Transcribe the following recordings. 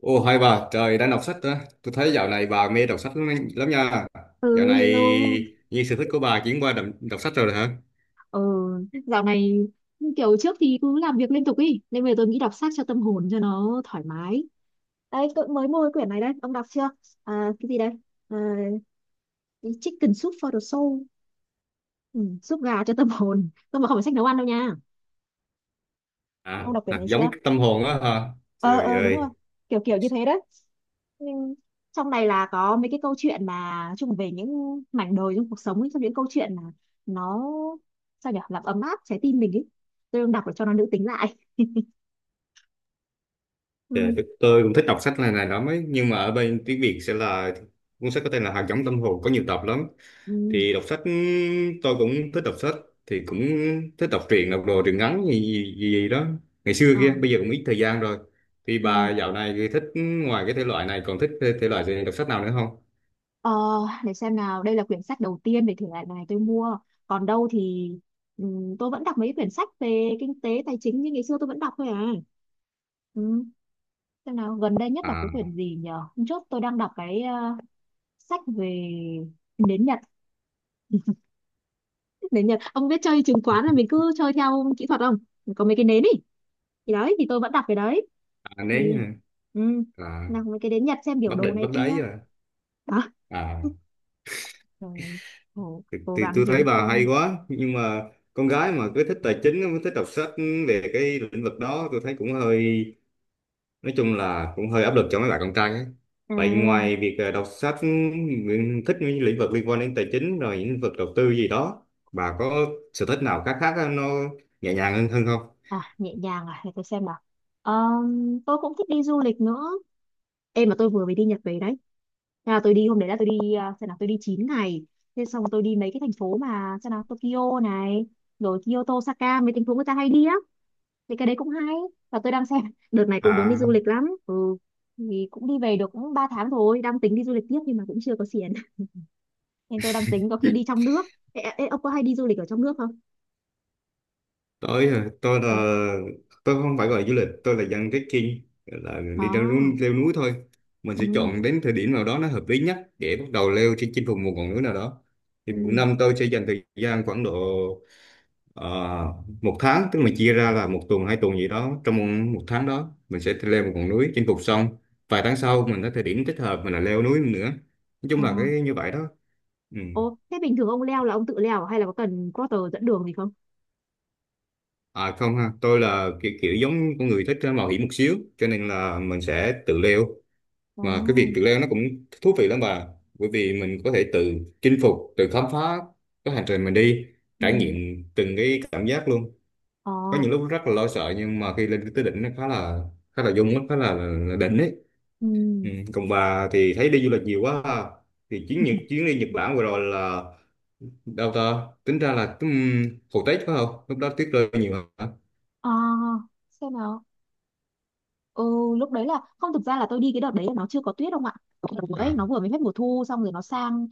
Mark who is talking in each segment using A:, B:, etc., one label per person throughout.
A: Ồ hai bà trời, đang đọc sách đó. Tôi thấy dạo này bà mê đọc sách lắm nha. Dạo
B: Ừ,
A: này
B: hello.
A: như sở thích của bà chuyển qua đọc sách rồi hả?
B: Ừ, dạo này kiểu trước thì cứ làm việc liên tục ý. Nên bây giờ tôi nghĩ đọc sách cho tâm hồn cho nó thoải mái. Đây, tôi mới mua cái quyển này đây. Ông đọc chưa? À, cái gì đây? À, cái Chicken Soup for the Soul. Ừ, súp gà cho tâm hồn. Tôi mà không phải sách nấu ăn đâu nha.
A: À,
B: Ông đọc quyển
A: hạt
B: này
A: giống
B: chưa?
A: tâm hồn đó hả?
B: ờ
A: Trời
B: ờ đúng rồi.
A: ơi,
B: Kiểu kiểu như thế đấy, nhưng trong này là có mấy cái câu chuyện mà chung về những mảnh đời trong cuộc sống ấy, trong những câu chuyện mà nó sao nhỉ, làm ấm áp trái tim mình ấy. Tôi đang đọc để cho nó nữ tính lại. Ừ,
A: dạ, tôi cũng thích đọc sách này này lắm ấy, nhưng mà ở bên tiếng Việt sẽ là cuốn sách có tên là Hạt giống tâm hồn, có nhiều tập lắm.
B: ừ,
A: Thì đọc sách, tôi cũng thích đọc sách, thì cũng thích đọc truyện, đọc đồ truyện ngắn gì, gì, gì gì đó ngày xưa
B: ờ,
A: kia, bây giờ cũng ít thời gian rồi. Thì
B: ừ.
A: bà dạo này thì thích, ngoài cái thể loại này còn thích thể loại gì, đọc sách nào nữa không?
B: Ờ, để xem nào, đây là quyển sách đầu tiên về thể loại này tôi mua, còn đâu thì ừ, tôi vẫn đọc mấy quyển sách về kinh tế tài chính, như ngày xưa tôi vẫn đọc thôi à. Ừ. Xem nào, gần đây nhất đọc cái
A: À,
B: quyển gì nhờ, hôm trước tôi đang đọc cái sách về nến Nhật. Nến Nhật ông biết, chơi chứng khoán là mình cứ chơi theo kỹ thuật không, có mấy cái nến ý, thì đấy thì tôi vẫn đặt cái đấy,
A: à nếu
B: thì
A: như-,
B: ừ,
A: à,
B: nào mấy cái nến Nhật xem biểu
A: Bắc
B: đồ
A: Định bất
B: này kia
A: Đáy à?
B: đó,
A: À
B: rồi cố,
A: thì,
B: cố
A: thì
B: gắng
A: tôi thấy
B: kiếm
A: bà hay
B: thêm.
A: quá, nhưng mà con gái mà cứ thích tài chính, mới thích đọc sách về cái lĩnh vực đó, tôi thấy cũng hơi, nói chung là cũng hơi áp lực cho mấy bạn con trai ấy.
B: À,
A: Vậy ngoài việc đọc sách, Nguyễn thích những lĩnh vực liên quan đến tài chính rồi những lĩnh vực đầu tư gì đó, bà có sở thích nào khác khác nó nhẹ nhàng hơn hơn không?
B: nhẹ nhàng à, để tôi xem nào. Tôi cũng thích đi du lịch nữa. Em mà tôi vừa mới đi Nhật về đấy. Thế là tôi đi, hôm đấy là tôi đi à, xem nào, tôi đi 9 ngày. Thế xong tôi đi mấy cái thành phố mà xem nào, Tokyo này, rồi Kyoto, Osaka, mấy thành phố người ta hay đi á, thì cái đấy cũng hay. Và tôi đang xem đợt này cũng muốn đi du
A: À
B: lịch lắm. Ừ, thì cũng đi về được cũng 3 tháng rồi, đang tính đi du lịch tiếp nhưng mà cũng chưa có tiền. Nên tôi đang tính có khi đi trong nước. Ê, ông có hay đi du lịch ở trong nước không?
A: tôi tôi là,
B: Ừ.
A: tôi không phải gọi là du lịch, tôi là dân trekking, là đi
B: Đó.
A: leo núi thôi. Mình sẽ
B: Ừ.
A: chọn đến thời điểm nào đó nó hợp lý nhất để bắt đầu leo trên chinh phục một ngọn núi nào đó. Thì một
B: Ừ.
A: năm tôi sẽ dành thời gian khoảng độ, ờ, một tháng, tức mình chia ra là một tuần hai tuần gì đó, trong một một tháng đó mình sẽ leo một ngọn núi chinh phục xong, vài tháng sau mình có thời điểm thích hợp mình là leo núi nữa. Nói chung
B: Ờ.
A: là cái như vậy đó, ừ.
B: Ồ, thế bình thường ông leo là ông tự leo à? Hay là có cần porter dẫn đường gì không?
A: À không ha, tôi là kiểu giống con người thích mạo hiểm một xíu, cho nên là mình sẽ tự leo. Mà cái việc
B: Ồ.
A: tự leo nó cũng thú vị lắm bà, bởi vì mình có thể tự chinh phục, tự khám phá cái hành trình mình đi,
B: Ừ.
A: trải nghiệm từng cái cảm giác luôn.
B: Ờ.
A: Có những lúc rất là lo sợ, nhưng mà khi lên tới đỉnh nó khá là dung á, khá là đỉnh ấy.
B: Ừ.
A: Ừ, còn bà thì thấy đi du lịch nhiều quá ha. Thì chuyến Nhật, chuyến đi Nhật Bản vừa rồi là, đâu ta tính ra là, hồi Tết phải không, lúc đó tuyết rơi nhiều hả?
B: À, xem nào. Ừ, lúc đấy là không, thực ra là tôi đi cái đợt đấy là nó chưa có tuyết không ạ? Cái đợt đấy,
A: À,
B: nó vừa mới hết mùa thu xong rồi nó sang,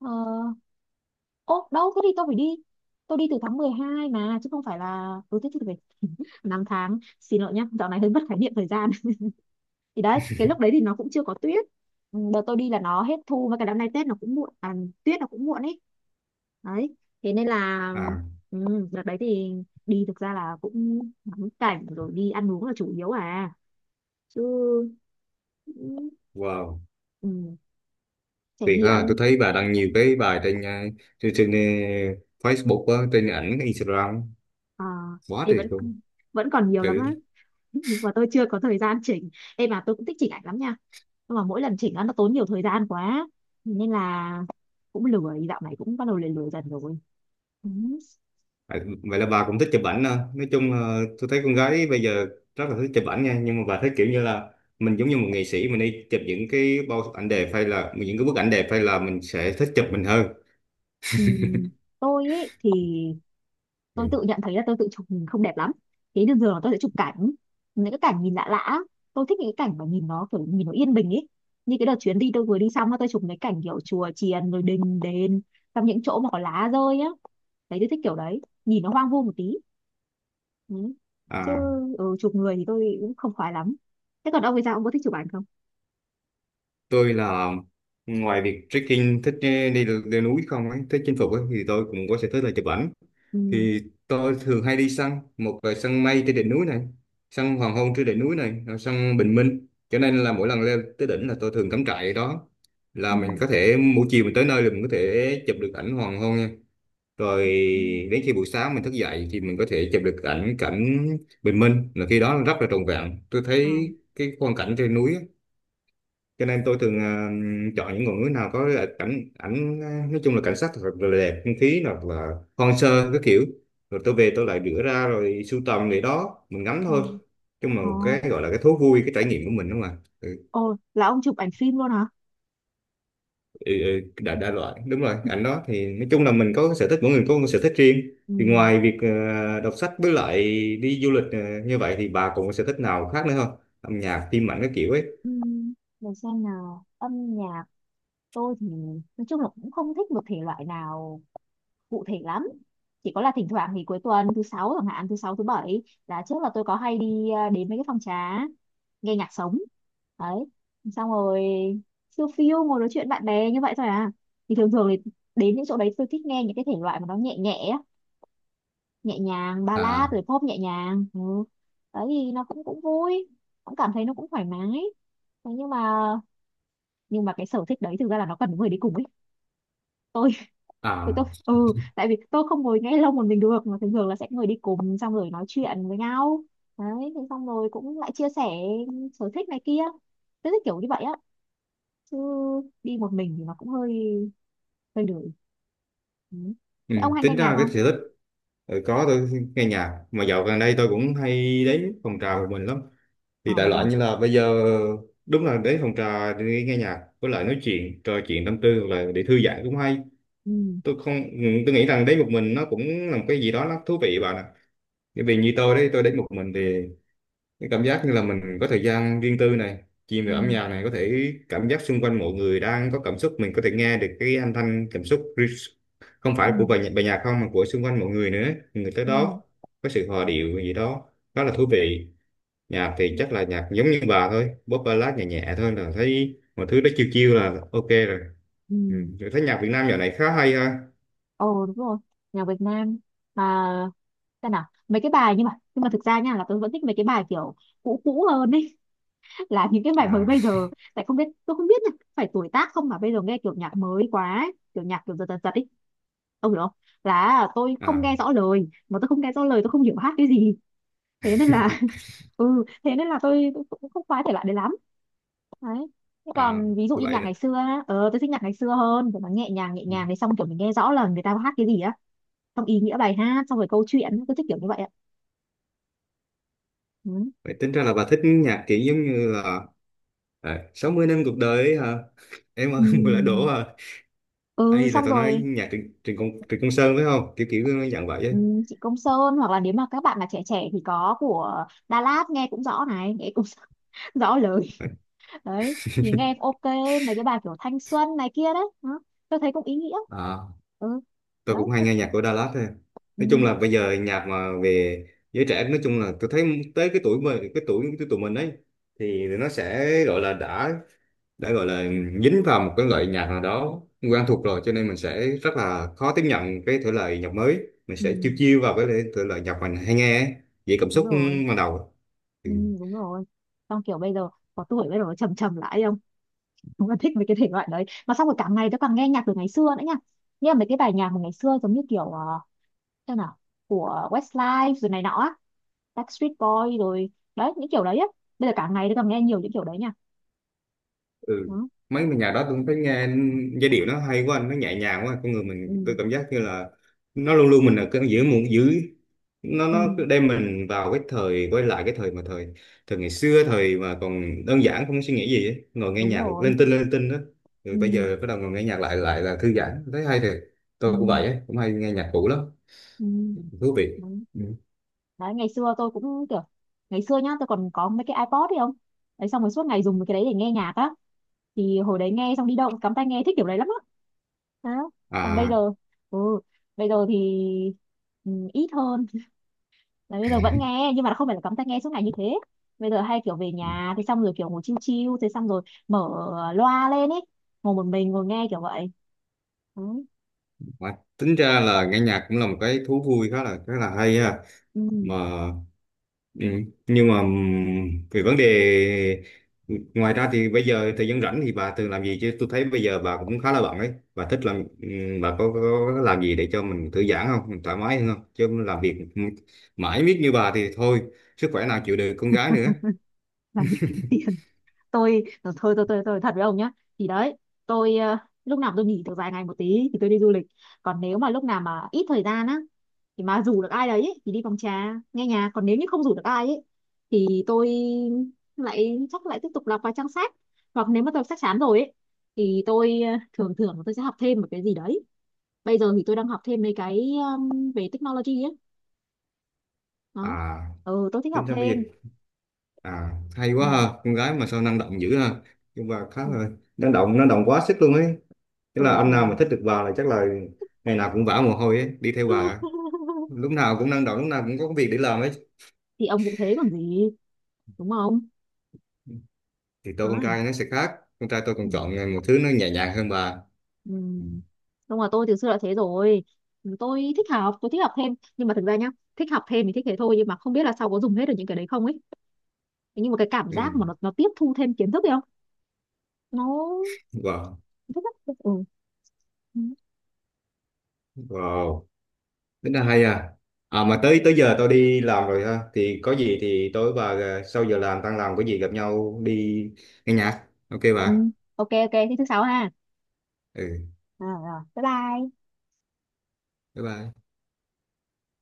B: ờ, ô đâu thế, thì tôi phải đi. Tôi đi từ tháng 12 mà, chứ không phải là, ừ thế thì phải 5 tháng. Xin lỗi nhá, dạo này hơi mất khái niệm thời gian. Thì đấy, cái lúc đấy thì nó cũng chưa có tuyết. Ừ, đợt tôi đi là nó hết thu, và cái năm nay Tết nó cũng muộn à, tuyết nó cũng muộn ấy đấy, thế nên là
A: à,
B: ừ, đợt đấy thì đi thực ra là cũng ngắm cảnh rồi đi ăn uống là chủ yếu à, chứ ừ,
A: wow,
B: ừ, trải
A: tuyệt ha. Tôi
B: nghiệm,
A: thấy bà đăng nhiều cái bài trên trên Facebook á, trên ảnh Instagram,
B: ờ,
A: quá
B: thì
A: tuyệt
B: vẫn
A: luôn.
B: vẫn còn nhiều
A: Ừ.
B: lắm á. Và tôi chưa có thời gian chỉnh. Em mà tôi cũng thích chỉnh ảnh lắm nha, nhưng mà mỗi lần chỉnh á, nó tốn nhiều thời gian quá, nên là cũng lười, dạo này cũng bắt đầu lười lười dần rồi. Ừ.
A: À, vậy là bà cũng thích chụp ảnh à. Nói chung là tôi thấy con gái bây giờ rất là thích chụp ảnh nha, nhưng mà bà thấy kiểu như là mình giống như một nghệ sĩ, mình đi chụp những cái bao ảnh đẹp hay là những cái bức ảnh đẹp, hay là mình sẽ thích chụp mình hơn?
B: Ừm, tôi ấy thì
A: Ừ.
B: tôi tự nhận thấy là tôi tự chụp mình không đẹp lắm, thế nên thường là tôi sẽ chụp cảnh, những cái cảnh nhìn lạ lạ. Tôi thích những cái cảnh mà nhìn nó kiểu nhìn nó yên bình ấy, như cái đợt chuyến đi tôi vừa đi xong á, tôi chụp mấy cảnh kiểu chùa chiền rồi đình đền, trong những chỗ mà có lá rơi á, đấy tôi thích kiểu đấy, nhìn nó hoang vu một tí. Ừ. Chứ
A: À
B: ừ, chụp người thì tôi cũng không khoái lắm. Thế còn ông thì sao, ông có thích chụp ảnh không?
A: tôi là, ngoài việc trekking thích đi, đi, leo núi không ấy, thích chinh phục ấy, thì tôi cũng có sở thích là chụp ảnh.
B: Ừ.
A: Thì tôi thường hay đi săn, một là săn mây trên đỉnh núi này, săn hoàng hôn trên đỉnh núi này, rồi săn bình minh, cho nên là mỗi lần leo tới đỉnh là tôi thường cắm trại ở đó,
B: Ừ.
A: là mình có thể buổi chiều mình tới nơi là mình có thể chụp được ảnh hoàng hôn nha. Rồi
B: Ừ. Ừ.
A: đến khi buổi sáng mình thức dậy thì mình có thể chụp được ảnh cảnh bình minh, là khi đó rất là trọn vẹn tôi
B: Ờ.
A: thấy, cái quang cảnh trên núi á, cho nên tôi thường chọn những ngọn núi nào có là cảnh ảnh nói chung là cảnh sắc thật là đẹp, không khí hoặc là hoang sơ cái kiểu. Rồi tôi về tôi lại rửa ra rồi sưu tầm để đó mình ngắm
B: Ừ.
A: thôi. Chung là
B: Ờ.
A: một cái gọi là cái thú vui, cái trải nghiệm của mình đúng không ạ, ừ,
B: Ồ, là ông chụp ảnh phim luôn hả?
A: ừ, ừ, đa loại đúng rồi, ảnh đó thì nói chung là mình có cái sở thích, mỗi người có một sở thích riêng.
B: Ừ.
A: Thì ngoài việc đọc sách với lại đi du lịch như vậy, thì bà còn có sở thích nào khác nữa không, âm nhạc phim ảnh cái kiểu ấy?
B: Ừ. Để xem nào, âm nhạc, tôi thì nói chung là cũng không thích một thể loại nào cụ thể lắm, chỉ có là thỉnh thoảng thì cuối tuần, thứ sáu chẳng hạn, thứ sáu thứ bảy là trước là tôi có hay đi đến mấy cái phòng trà nghe nhạc sống đấy, xong rồi siêu phiêu ngồi nói chuyện bạn bè như vậy thôi à. Thì thường thường thì đến những chỗ đấy tôi thích nghe những cái thể loại mà nó nhẹ nhẹ á, nhẹ nhàng, ballad
A: À,
B: rồi pop nhẹ nhàng. Ừ. Đấy thì nó cũng cũng vui, cũng cảm thấy nó cũng thoải mái. Thế nhưng mà cái sở thích đấy thực ra là nó cần người đi cùng ấy. Tôi tôi tôi
A: à,
B: ừ, tại vì tôi không ngồi nghe lâu một mình được, mà thường thường là sẽ người đi cùng xong rồi nói chuyện với nhau, đấy thế xong rồi cũng lại chia sẻ sở thích này kia, tôi thích kiểu như vậy á, chứ đi một mình thì nó cũng hơi hơi lười. Ừ.
A: ừ,
B: Thế ông hay nghe
A: tính
B: nhạc
A: ra cái
B: không?
A: sở thích, ừ, có, tôi nghe nhạc mà dạo gần đây tôi cũng hay đến phòng trà của mình lắm,
B: Ờ,
A: thì đại
B: vậy
A: loại
B: hả?
A: như là bây giờ, đúng là đến phòng trà để nghe nhạc với lại nói chuyện, trò chuyện tâm tư hoặc là để thư giãn cũng hay.
B: Ừ.
A: Tôi không tôi nghĩ rằng đến một mình nó cũng là một cái gì đó nó thú vị bạn ạ, bởi vì như tôi đấy, tôi đến một mình thì cái cảm giác như là mình có thời gian riêng tư này, chìm vào âm
B: Ừ.
A: nhạc này, có thể cảm giác xung quanh mọi người đang có cảm xúc, mình có thể nghe được cái âm thanh cảm xúc không phải
B: Ừ.
A: của bài nhạc, bài nhạc không mà của xung quanh mọi người nữa, người tới
B: Ừ.
A: đó có sự hòa điệu gì đó, đó là thú vị. Nhạc thì chắc là nhạc giống như bà thôi, pop ballad nhẹ nhẹ thôi, là thấy mọi thứ đó chiêu chiêu là ok rồi.
B: Ừ.
A: Ừ. Rồi thấy nhạc Việt Nam dạo này khá hay ha.
B: Ồ, đúng rồi, nhạc Việt Nam mà, xem nào mấy cái bài, nhưng mà thực ra nha, là tôi vẫn thích mấy cái bài kiểu cũ cũ hơn ấy, là những cái bài mới
A: À,
B: bây giờ tại không biết, tôi không biết là phải tuổi tác không mà bây giờ nghe kiểu nhạc mới quá ấy, kiểu nhạc kiểu giật giật giật ấy, ông hiểu không, là tôi không
A: à,
B: nghe rõ lời, mà tôi không nghe rõ lời, tôi không hiểu hát cái gì. Thế nên là, ừ, thế nên là tôi cũng không khoái thể loại đấy lắm, đấy. Thế
A: à
B: còn ví dụ như
A: vậy
B: nhạc
A: là,
B: ngày xưa á, tôi thích nhạc ngày xưa hơn, kiểu nó nhẹ nhàng thì xong kiểu mình nghe rõ là người ta hát cái gì á, xong ý nghĩa bài hát xong rồi câu chuyện, tôi thích kiểu như vậy ạ. Ừ.
A: vậy tính ra là bà thích nhạc kiểu giống như là, à, 60 năm cuộc đời ấy hả? Em ơi,
B: Ừ.
A: mùa lã đổ hả?
B: Ừ,
A: Ấy là
B: xong
A: tao nói
B: rồi.
A: nhạc Trịnh, Trịnh Công Sơn phải không? Kiểu kiểu nó dặn vậy
B: Ừ,
A: ấy.
B: chị Công Sơn, hoặc là nếu mà các bạn mà trẻ trẻ thì có của Đà Lạt, nghe cũng rõ này, nghe cũng rõ lời, đấy thì nghe ok, mấy cái bài kiểu thanh xuân này kia đấy đó. Tôi thấy cũng ý nghĩa.
A: À,
B: Ừ.
A: tôi
B: Đấy.
A: cũng hay nghe nhạc của Dallas thôi.
B: Ừ,
A: Nói chung là bây giờ nhạc mà về giới trẻ, nói chung là tôi thấy tới cái tuổi mà cái tuổi của tụi mình ấy, thì nó sẽ gọi là đã gọi là dính vào một cái loại nhạc nào đó quen thuộc rồi, cho nên mình sẽ rất là khó tiếp nhận cái thể loại nhạc mới, mình
B: ừ,
A: sẽ chiêu chiêu vào cái thể loại nhạc mình hay nghe ấy. Vậy cảm
B: đúng
A: xúc
B: rồi.
A: ban đầu,
B: Ừ, đúng rồi, xong kiểu bây giờ có tuổi, bây giờ nó trầm trầm lại không, đúng là thích mấy cái thể loại đấy. Mà xong rồi cả ngày tôi càng nghe nhạc từ ngày xưa nữa nha, nghe mấy cái bài nhạc mà ngày xưa, giống như kiểu thế nào, của Westlife rồi này nọ á, Backstreet Boy rồi, đấy những kiểu đấy á, bây giờ cả ngày tôi còn nghe nhiều những kiểu đấy nha,
A: ừ,
B: đó.
A: mấy mà nhạc đó tôi thấy nghe giai điệu nó hay quá, nó nhẹ nhàng quá, con người mình tôi
B: Ừ,
A: cảm giác như là nó luôn luôn mình ở cái giữa một giữ, nó
B: ừ,
A: nó cứ đem mình vào cái thời, quay lại cái thời mà thời thời ngày xưa, thời mà còn đơn giản không có suy nghĩ gì ấy. Ngồi nghe
B: đúng
A: nhạc
B: rồi.
A: lên tinh, lên tinh đó, rồi bây
B: Ừ,
A: giờ bắt đầu ngồi nghe nhạc lại lại là thư giãn, thấy hay thiệt. Tôi cũng
B: ừ,
A: vậy ấy, cũng hay nghe nhạc cũ lắm,
B: ừ,
A: thú vị.
B: đúng.
A: Ừ.
B: Đấy ngày xưa tôi cũng kiểu, ngày xưa nhá tôi còn có mấy cái iPod ấy không, đấy xong rồi suốt ngày dùng cái đấy để nghe nhạc á, thì hồi đấy nghe xong đi đâu cũng cắm tai nghe, thích kiểu đấy lắm á, đó. Còn bây
A: À
B: giờ ừ, bây giờ thì ừ, ít hơn, là bây giờ vẫn nghe nhưng mà không phải là cắm tai nghe suốt ngày như thế. Bây giờ hay kiểu về nhà thì xong rồi kiểu ngồi chill chill thế xong rồi mở loa lên ấy, ngồi một mình ngồi nghe kiểu vậy. Ừ.
A: mà tính ra là nghe nhạc cũng là một cái thú vui khá là hay ha.
B: Ừ.
A: Mà, ừ. Nhưng mà về vấn đề, ngoài ra thì bây giờ thời gian rảnh thì bà thường làm gì, chứ tôi thấy bây giờ bà cũng khá là bận ấy, bà thích làm, bà có làm gì để cho mình thư giãn không, mình thoải mái hơn không, chứ làm việc mãi miết như bà thì thôi, sức khỏe nào chịu được, con gái nữa.
B: Làm việc kiếm tiền. Tôi thôi thôi, tôi thật với ông nhá, thì đấy tôi, lúc nào tôi nghỉ được vài ngày một tí thì tôi đi du lịch, còn nếu mà lúc nào mà ít thời gian á, thì mà rủ được ai đấy ý, thì đi phòng trà nghe nhạc, còn nếu như không rủ được ai ấy thì tôi lại, chắc lại tiếp tục đọc vài trang sách, hoặc nếu mà tôi sách chán rồi ấy thì tôi, thường thường tôi sẽ học thêm một cái gì đấy. Bây giờ thì tôi đang học thêm mấy cái, về technology ấy, đó.
A: À
B: Ừ, tôi thích
A: tính
B: học
A: ra bây giờ,
B: thêm.
A: à, hay
B: Ừ,
A: quá ha, con gái mà sao năng động dữ ha, nhưng mà khá
B: ừ,
A: là năng động, quá sức luôn ấy, tức là
B: ừ, thì
A: anh nào mà thích được bà là chắc là ngày nào cũng vã mồ hôi ấy đi theo bà, lúc nào cũng năng động, lúc nào cũng có việc để làm ấy.
B: thì ông cũng thế còn gì, đúng không?
A: Thì tôi con
B: Đấy.
A: trai nó sẽ khác, con trai tôi
B: Ừ.
A: còn chọn một thứ nó nhẹ nhàng hơn bà.
B: Ừ.
A: Ừ.
B: Đúng rồi, tôi từ xưa đã thế rồi. Ừ, tôi thích học thêm, nhưng mà thực ra nhá, thích học thêm thì thích thế thôi, nhưng mà không biết là sau có dùng hết được những cái đấy không ấy. Thế nhưng mà cái cảm
A: Ừ.
B: giác mà nó tiếp thu thêm kiến thức ấy không, nó
A: Wow,
B: thích lắm. Ừ. Ừ.
A: wow, tính là hay à. À mà tới tới giờ tôi đi làm rồi ha, thì có gì thì tối bà sau giờ làm, tan làm có gì gặp nhau đi nghe nhạc ok
B: Ừ.
A: bà.
B: Ok ok, thế thứ sáu ha.
A: Ừ,
B: À, rồi bye bye.
A: bye bye.